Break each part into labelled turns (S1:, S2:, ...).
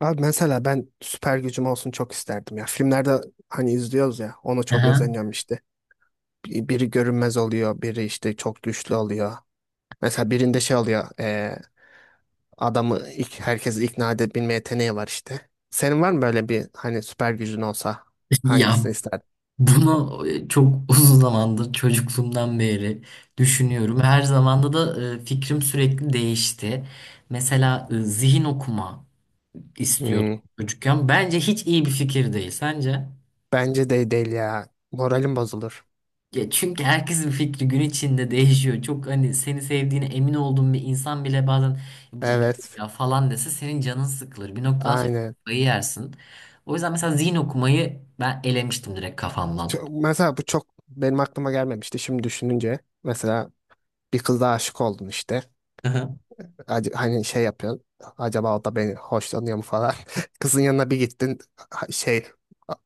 S1: Abi mesela ben süper gücüm olsun çok isterdim ya. Filmlerde hani izliyoruz ya ona çok
S2: Aha.
S1: özeniyorum işte. Biri görünmez oluyor, biri işte çok güçlü oluyor. Mesela birinde şey oluyor adamı ilk, herkesi ikna edebilme yeteneği var işte. Senin var mı böyle bir hani süper gücün olsa
S2: Ya
S1: hangisini isterdin?
S2: bunu çok uzun zamandır çocukluğumdan beri düşünüyorum. Her zamanda da fikrim sürekli değişti. Mesela zihin okuma istiyordum
S1: Hmm,
S2: çocukken. Bence hiç iyi bir fikir değil. Sence?
S1: bence de değil ya. Moralim bozulur.
S2: Ya çünkü herkesin fikri gün içinde değişiyor. Çok hani seni sevdiğine emin olduğun bir insan bile bazen bu da ne diyor
S1: Evet,
S2: ya falan dese senin canın sıkılır. Bir noktadan sonra
S1: aynen.
S2: kafayı yersin. O yüzden mesela zihin okumayı ben elemiştim direkt kafamdan.
S1: Mesela bu çok benim aklıma gelmemişti şimdi düşününce. Mesela bir kıza aşık oldun işte. Hani şey yapıyorsun. Acaba o da beni hoşlanıyor mu falan. Kızın yanına bir gittin şey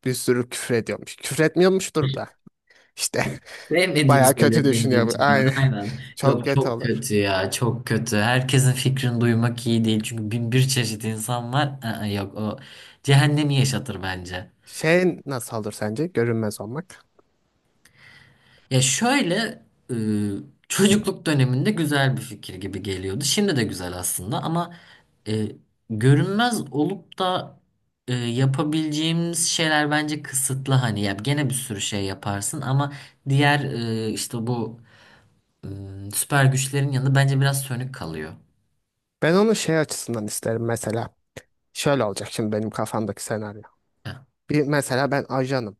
S1: bir sürü küfür ediyormuş. Küfür etmiyormuştur da. İşte
S2: Sevmediğini
S1: bayağı kötü
S2: söylüyor kendi
S1: düşünüyor bu.
S2: içinden.
S1: Aynen.
S2: Aynen.
S1: Çok
S2: Yok,
S1: kötü
S2: çok
S1: olur.
S2: kötü ya. Çok kötü. Herkesin fikrini duymak iyi değil. Çünkü bin bir çeşit insan var. Aa, yok, o cehennemi yaşatır bence.
S1: Şey nasıl olur sence? Görünmez olmak.
S2: Ya şöyle e, çocukluk döneminde güzel bir fikir gibi geliyordu. Şimdi de güzel aslında ama e, görünmez olup da yapabileceğimiz şeyler bence kısıtlı. Hani ya gene bir sürü şey yaparsın ama diğer işte bu süper güçlerin yanında bence biraz sönük kalıyor.
S1: Ben onu şey açısından isterim mesela. Şöyle olacak şimdi benim kafamdaki senaryo.
S2: Heh,
S1: Bir mesela ben ajanım.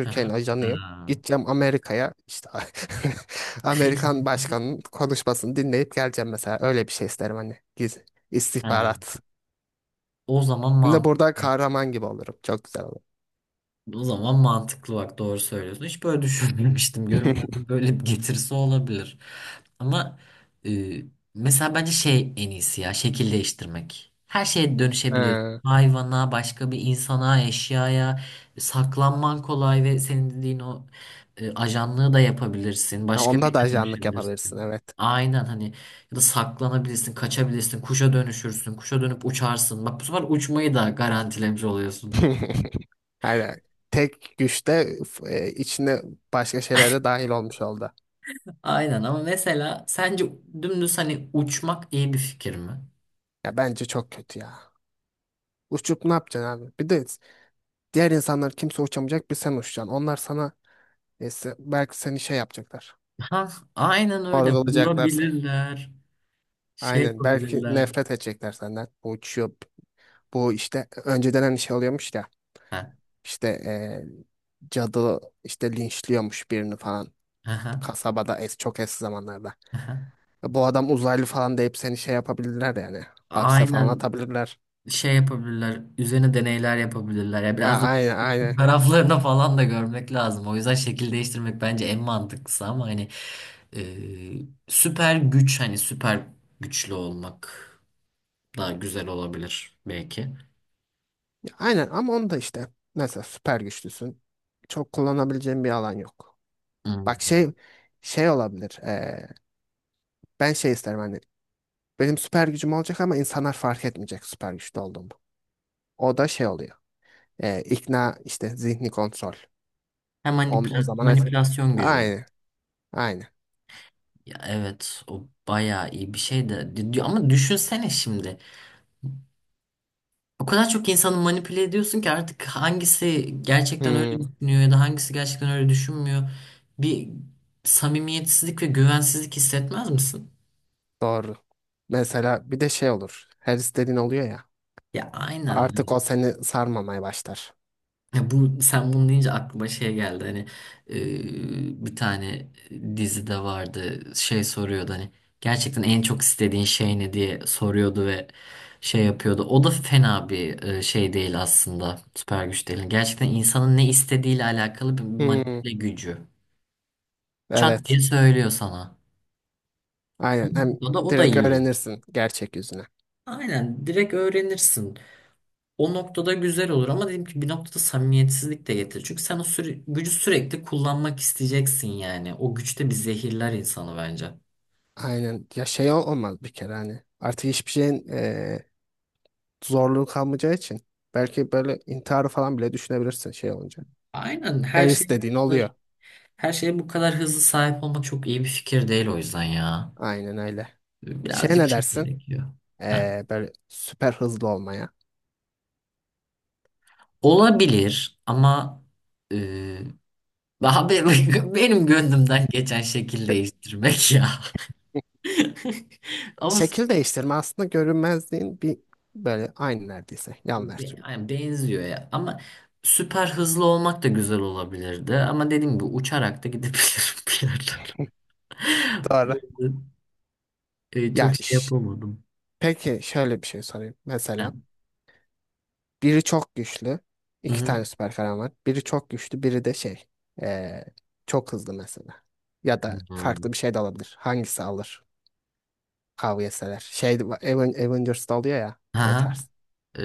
S2: hı hı.
S1: ajanıyım.
S2: Ha,
S1: Gideceğim Amerika'ya işte. Amerikan başkanının konuşmasını dinleyip geleceğim mesela. Öyle bir şey isterim hani. Gizli
S2: ha.
S1: istihbarat.
S2: O zaman
S1: Hem de burada
S2: mantıklı.
S1: kahraman gibi olurum. Çok güzel olur.
S2: O zaman mantıklı, bak doğru söylüyorsun. Hiç böyle düşünmemiştim. Görünmezlik böyle bir getirisi olabilir. Ama e, mesela bence şey en iyisi ya şekil değiştirmek. Her şeye dönüşebiliyorsun.
S1: Ha,
S2: Hayvana, başka bir insana, eşyaya saklanman kolay ve senin dediğin o ajanlığı da yapabilirsin.
S1: ha,
S2: Başka
S1: onda da
S2: birine
S1: ajanlık yapabilirsin
S2: dönüşebilirsin.
S1: evet.
S2: Aynen hani ya da saklanabilirsin, kaçabilirsin, kuşa dönüşürsün, kuşa dönüp uçarsın. Bak bu sefer uçmayı da garantilemiş oluyorsun.
S1: Aynen. Tek güçte içine başka şeyler de dahil olmuş oldu.
S2: Aynen ama mesela sence dümdüz hani uçmak iyi bir fikir mi?
S1: Ya bence çok kötü ya. Uçup ne yapacaksın abi? Bir de diğer insanlar kimse uçamayacak bir sen uçacaksın. Onlar sana neyse belki seni şey yapacaklar.
S2: Ha, aynen öyle.
S1: Sorgulayacaklar seni.
S2: Vurabilirler. Şey
S1: Aynen. Belki
S2: yapabilirler.
S1: nefret edecekler senden. Bu uçuyor, bu işte önceden hani şey oluyormuş ya.
S2: Ha,
S1: İşte cadı işte linçliyormuş birini falan.
S2: aha,
S1: Kasabada çok eski zamanlarda.
S2: aha.
S1: E, bu adam uzaylı falan deyip seni şey yapabilirler yani. Hapse falan
S2: Aynen,
S1: atabilirler.
S2: şey yapabilirler. Üzerine deneyler yapabilirler. Ya
S1: Ha,
S2: biraz da
S1: aynen aynen.
S2: taraflarına falan da görmek lazım. O yüzden şekil değiştirmek bence en mantıklısı ama hani e, süper güç hani süper güçlü olmak daha güzel olabilir belki.
S1: Aynen ama onu da işte. Mesela süper güçlüsün. Çok kullanabileceğin bir alan yok. Bak
S2: Hmm.
S1: şey şey olabilir. Ben şey isterim hani. Benim süper gücüm olacak ama insanlar fark etmeyecek süper güçlü olduğumu. O da şey oluyor. E, ikna işte zihni kontrol.
S2: Hem
S1: On, o zaman et.
S2: manipülasyon gücü.
S1: Aynı. Aynı.
S2: Ya evet, o bayağı iyi bir şey de ama düşünsene şimdi. O kadar çok insanı manipüle ediyorsun ki artık hangisi gerçekten öyle
S1: Hmm,
S2: düşünüyor ya da hangisi gerçekten öyle düşünmüyor. Bir samimiyetsizlik ve güvensizlik hissetmez misin?
S1: doğru. Mesela bir de şey olur. Her istediğin oluyor ya.
S2: Ya
S1: Artık
S2: aynen.
S1: o seni sarmamaya başlar.
S2: Ya bu sen bunu deyince aklıma şey geldi hani bir tane dizide vardı şey soruyordu hani gerçekten en çok istediğin şey ne diye soruyordu ve şey yapıyordu. O da fena bir şey değil aslında, süper güç değil. Yani gerçekten insanın ne istediğiyle alakalı bir
S1: Hmm,
S2: manipüle gücü. Çat diye
S1: evet.
S2: söylüyor sana.
S1: Aynen. Hem
S2: O da, o da
S1: direkt
S2: iyi olur.
S1: öğrenirsin gerçek yüzünü.
S2: Aynen, direkt öğrenirsin. O noktada güzel olur ama dedim ki bir noktada samimiyetsizlik de getirir. Çünkü sen gücü sürekli kullanmak isteyeceksin yani. O güçte bir zehirler insanı bence.
S1: Aynen. Ya şey olmaz bir kere hani. Artık hiçbir şeyin zorluğu kalmayacağı için. Belki böyle intiharı falan bile düşünebilirsin şey olunca.
S2: Aynen,
S1: Her
S2: her şey
S1: istediğin oluyor.
S2: her şeye bu kadar hızlı sahip olmak çok iyi bir fikir değil o yüzden ya.
S1: Aynen öyle. Şey
S2: Birazcık
S1: ne
S2: şey
S1: dersin?
S2: gerekiyor. Ha.
S1: Böyle süper hızlı olmaya.
S2: Olabilir ama e, daha benim gönlümden geçen şekil değiştirmek ya. Ama
S1: Şekil değiştirme aslında görünmezliğin bir böyle aynı neredeyse. Yan
S2: Be-
S1: versiyonu.
S2: yani benziyor ya. Ama süper hızlı olmak da güzel olabilirdi. Ama dediğim gibi uçarak da gidebilirim bir yerlere. O
S1: Doğru.
S2: yüzden, çok
S1: Ya
S2: şey
S1: ş-
S2: yapamadım.
S1: peki şöyle bir şey sorayım.
S2: Ha.
S1: Mesela biri çok güçlü.
S2: Hı
S1: İki
S2: hı.
S1: tane süper kahraman var. Biri çok güçlü, biri de şey ee, çok hızlı mesela. Ya da
S2: Hı.
S1: farklı bir şey de alabilir. Hangisi alır? Kavga etseler. Şey, Avengers'da oluyor ya o
S2: Aha.
S1: tarz.
S2: E,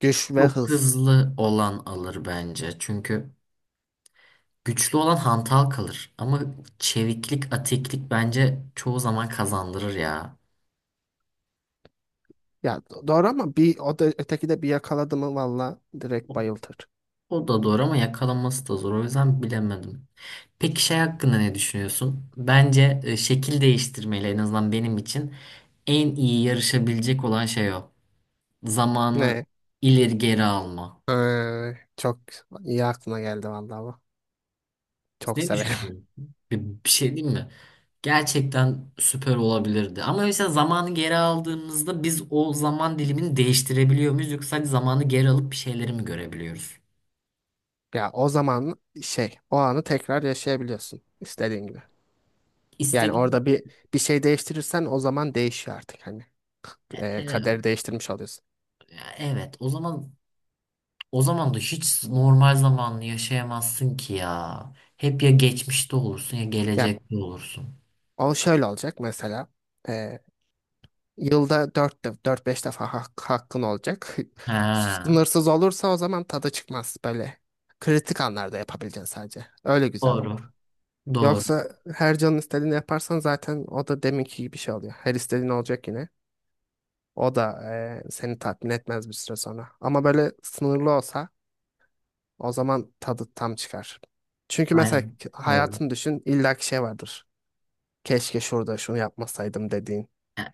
S1: Güç ve
S2: çok
S1: hız.
S2: hızlı olan alır bence. Çünkü güçlü olan hantal kalır. Ama çeviklik, atiklik bence çoğu zaman kazandırır ya.
S1: Ya doğru ama bir o da öteki de bir yakaladı mı valla direkt bayıltır.
S2: O da doğru ama yakalanması da zor. O yüzden bilemedim. Peki şey hakkında ne düşünüyorsun? Bence şekil değiştirmeyle en azından benim için en iyi yarışabilecek olan şey o. Zamanı
S1: Ne?
S2: ileri geri alma.
S1: Çok iyi aklına geldi valla bu. Çok
S2: Ne
S1: severim.
S2: düşünüyorsun? Bir şey diyeyim mi? Gerçekten süper olabilirdi. Ama mesela zamanı geri aldığımızda biz o zaman dilimini değiştirebiliyor muyuz? Yoksa sadece zamanı geri alıp bir şeyleri mi görebiliyoruz?
S1: Ya o zaman şey o anı tekrar yaşayabiliyorsun istediğin gibi. Yani
S2: İstediğim...
S1: orada bir şey değiştirirsen o zaman değişiyor artık hani.
S2: E,
S1: Kaderi değiştirmiş oluyorsun.
S2: evet, o zaman da hiç normal zamanlı yaşayamazsın ki ya. Hep ya geçmişte olursun ya
S1: Ya
S2: gelecekte olursun.
S1: o şöyle olacak mesela. Ee, Yılda 4 dört beş defa hakkın olacak.
S2: Ha,
S1: Sınırsız olursa o zaman tadı çıkmaz böyle. Kritik anlarda yapabileceksin sadece. Öyle güzel
S2: doğru.
S1: olur.
S2: Doğru.
S1: Yoksa her canın istediğini yaparsan zaten o da deminki gibi bir şey oluyor. Her istediğin olacak yine. O da seni tatmin etmez bir süre sonra. Ama böyle sınırlı olsa o zaman tadı tam çıkar. Çünkü mesela
S2: Aynen. Doğru.
S1: hayatını düşün illaki şey vardır. Keşke şurada şunu yapmasaydım dediğin
S2: Ya,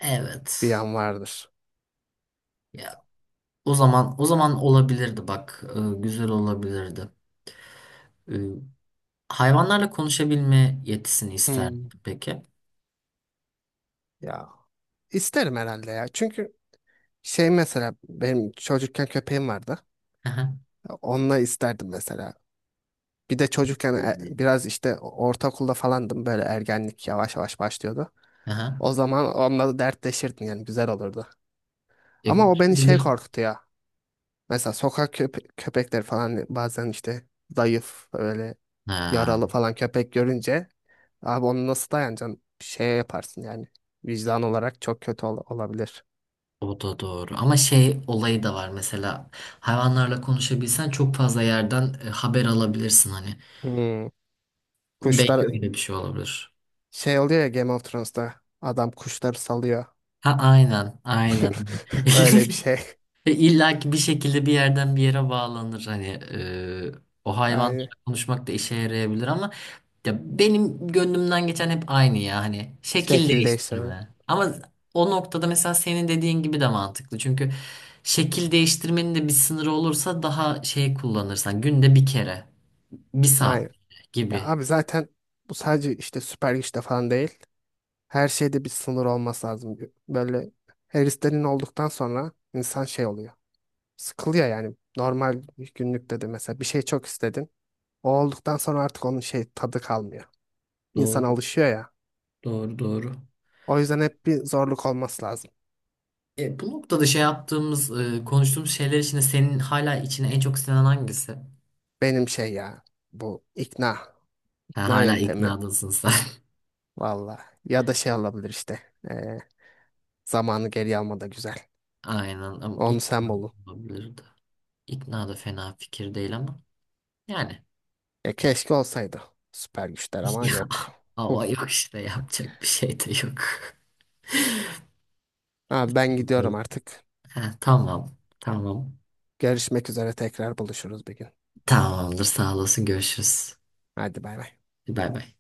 S1: bir
S2: evet.
S1: an vardır.
S2: Ya o zaman olabilirdi bak. Güzel olabilirdi. Ee, hayvanlarla konuşabilme yetisini isterdim
S1: Hmm.
S2: peki.
S1: Ya İsterim herhalde ya. Çünkü şey mesela benim çocukken köpeğim vardı.
S2: Aha.
S1: Onunla isterdim mesela. Bir de çocukken
S2: Bilmiyorum.
S1: biraz işte ortaokulda falandım böyle ergenlik yavaş yavaş başlıyordu.
S2: Aha.
S1: O zaman onunla da dertleşirdim yani güzel olurdu.
S2: Ya,
S1: Ama o
S2: kim
S1: beni şey
S2: bilir?
S1: korkutuyor. Mesela sokak köpekleri falan bazen işte zayıf öyle
S2: Ha.
S1: yaralı falan köpek görünce abi onu nasıl dayanacaksın? Şeye yaparsın yani vicdan olarak çok kötü olabilir.
S2: O da doğru. Ama şey olayı da var mesela hayvanlarla konuşabilsen çok fazla yerden haber alabilirsin hani.
S1: Hmm.
S2: Belki
S1: Kuşlar
S2: öyle bir şey olabilir.
S1: şey oluyor ya, Game of Thrones'ta adam kuşları salıyor.
S2: Ha, aynen, aynen.
S1: Öyle bir şey.
S2: İlla ki bir şekilde bir yerden bir yere bağlanır hani o hayvanlarla
S1: Aynen.
S2: konuşmak da işe yarayabilir ama ya benim gönlümden geçen hep aynı ya hani şekil
S1: Şekil değiştirme.
S2: değiştirme. Ama o noktada mesela senin dediğin gibi de mantıklı. Çünkü şekil değiştirmenin de bir sınırı olursa daha şey kullanırsan günde bir kere, bir saat
S1: Aynen. Ya
S2: gibi.
S1: abi zaten bu sadece işte süper güçte falan değil. Her şeyde bir sınır olması lazım. Böyle heriflerin olduktan sonra insan şey oluyor. Sıkılıyor yani. Normal günlükte de mesela bir şey çok istedin. O olduktan sonra artık onun şey tadı kalmıyor. İnsan
S2: Doğru,
S1: alışıyor ya.
S2: doğru, doğru.
S1: O yüzden hep bir zorluk olması lazım.
S2: Bu noktada konuştuğumuz şeyler içinde senin hala içine en çok sinen hangisi?
S1: Benim şey ya, bu
S2: Ha,
S1: ikna
S2: hala
S1: yöntemi.
S2: iknadasın sen.
S1: Valla. Ya da şey alabilir işte. Ee, zamanı geri alma da güzel.
S2: Aynen ama
S1: Onu sen
S2: ikna
S1: bulun.
S2: olabilir de. İkna da fena fikir değil ama yani.
S1: E, keşke olsaydı. Süper güçler ama yok. Hı.
S2: Ama yok işte, yapacak bir şey de yok.
S1: Abi ben gidiyorum artık.
S2: Ha, tamam. Tamam.
S1: Görüşmek üzere tekrar buluşuruz bir gün.
S2: Tamamdır. Sağ olasın. Görüşürüz.
S1: Hadi bay bay.
S2: Bay bay.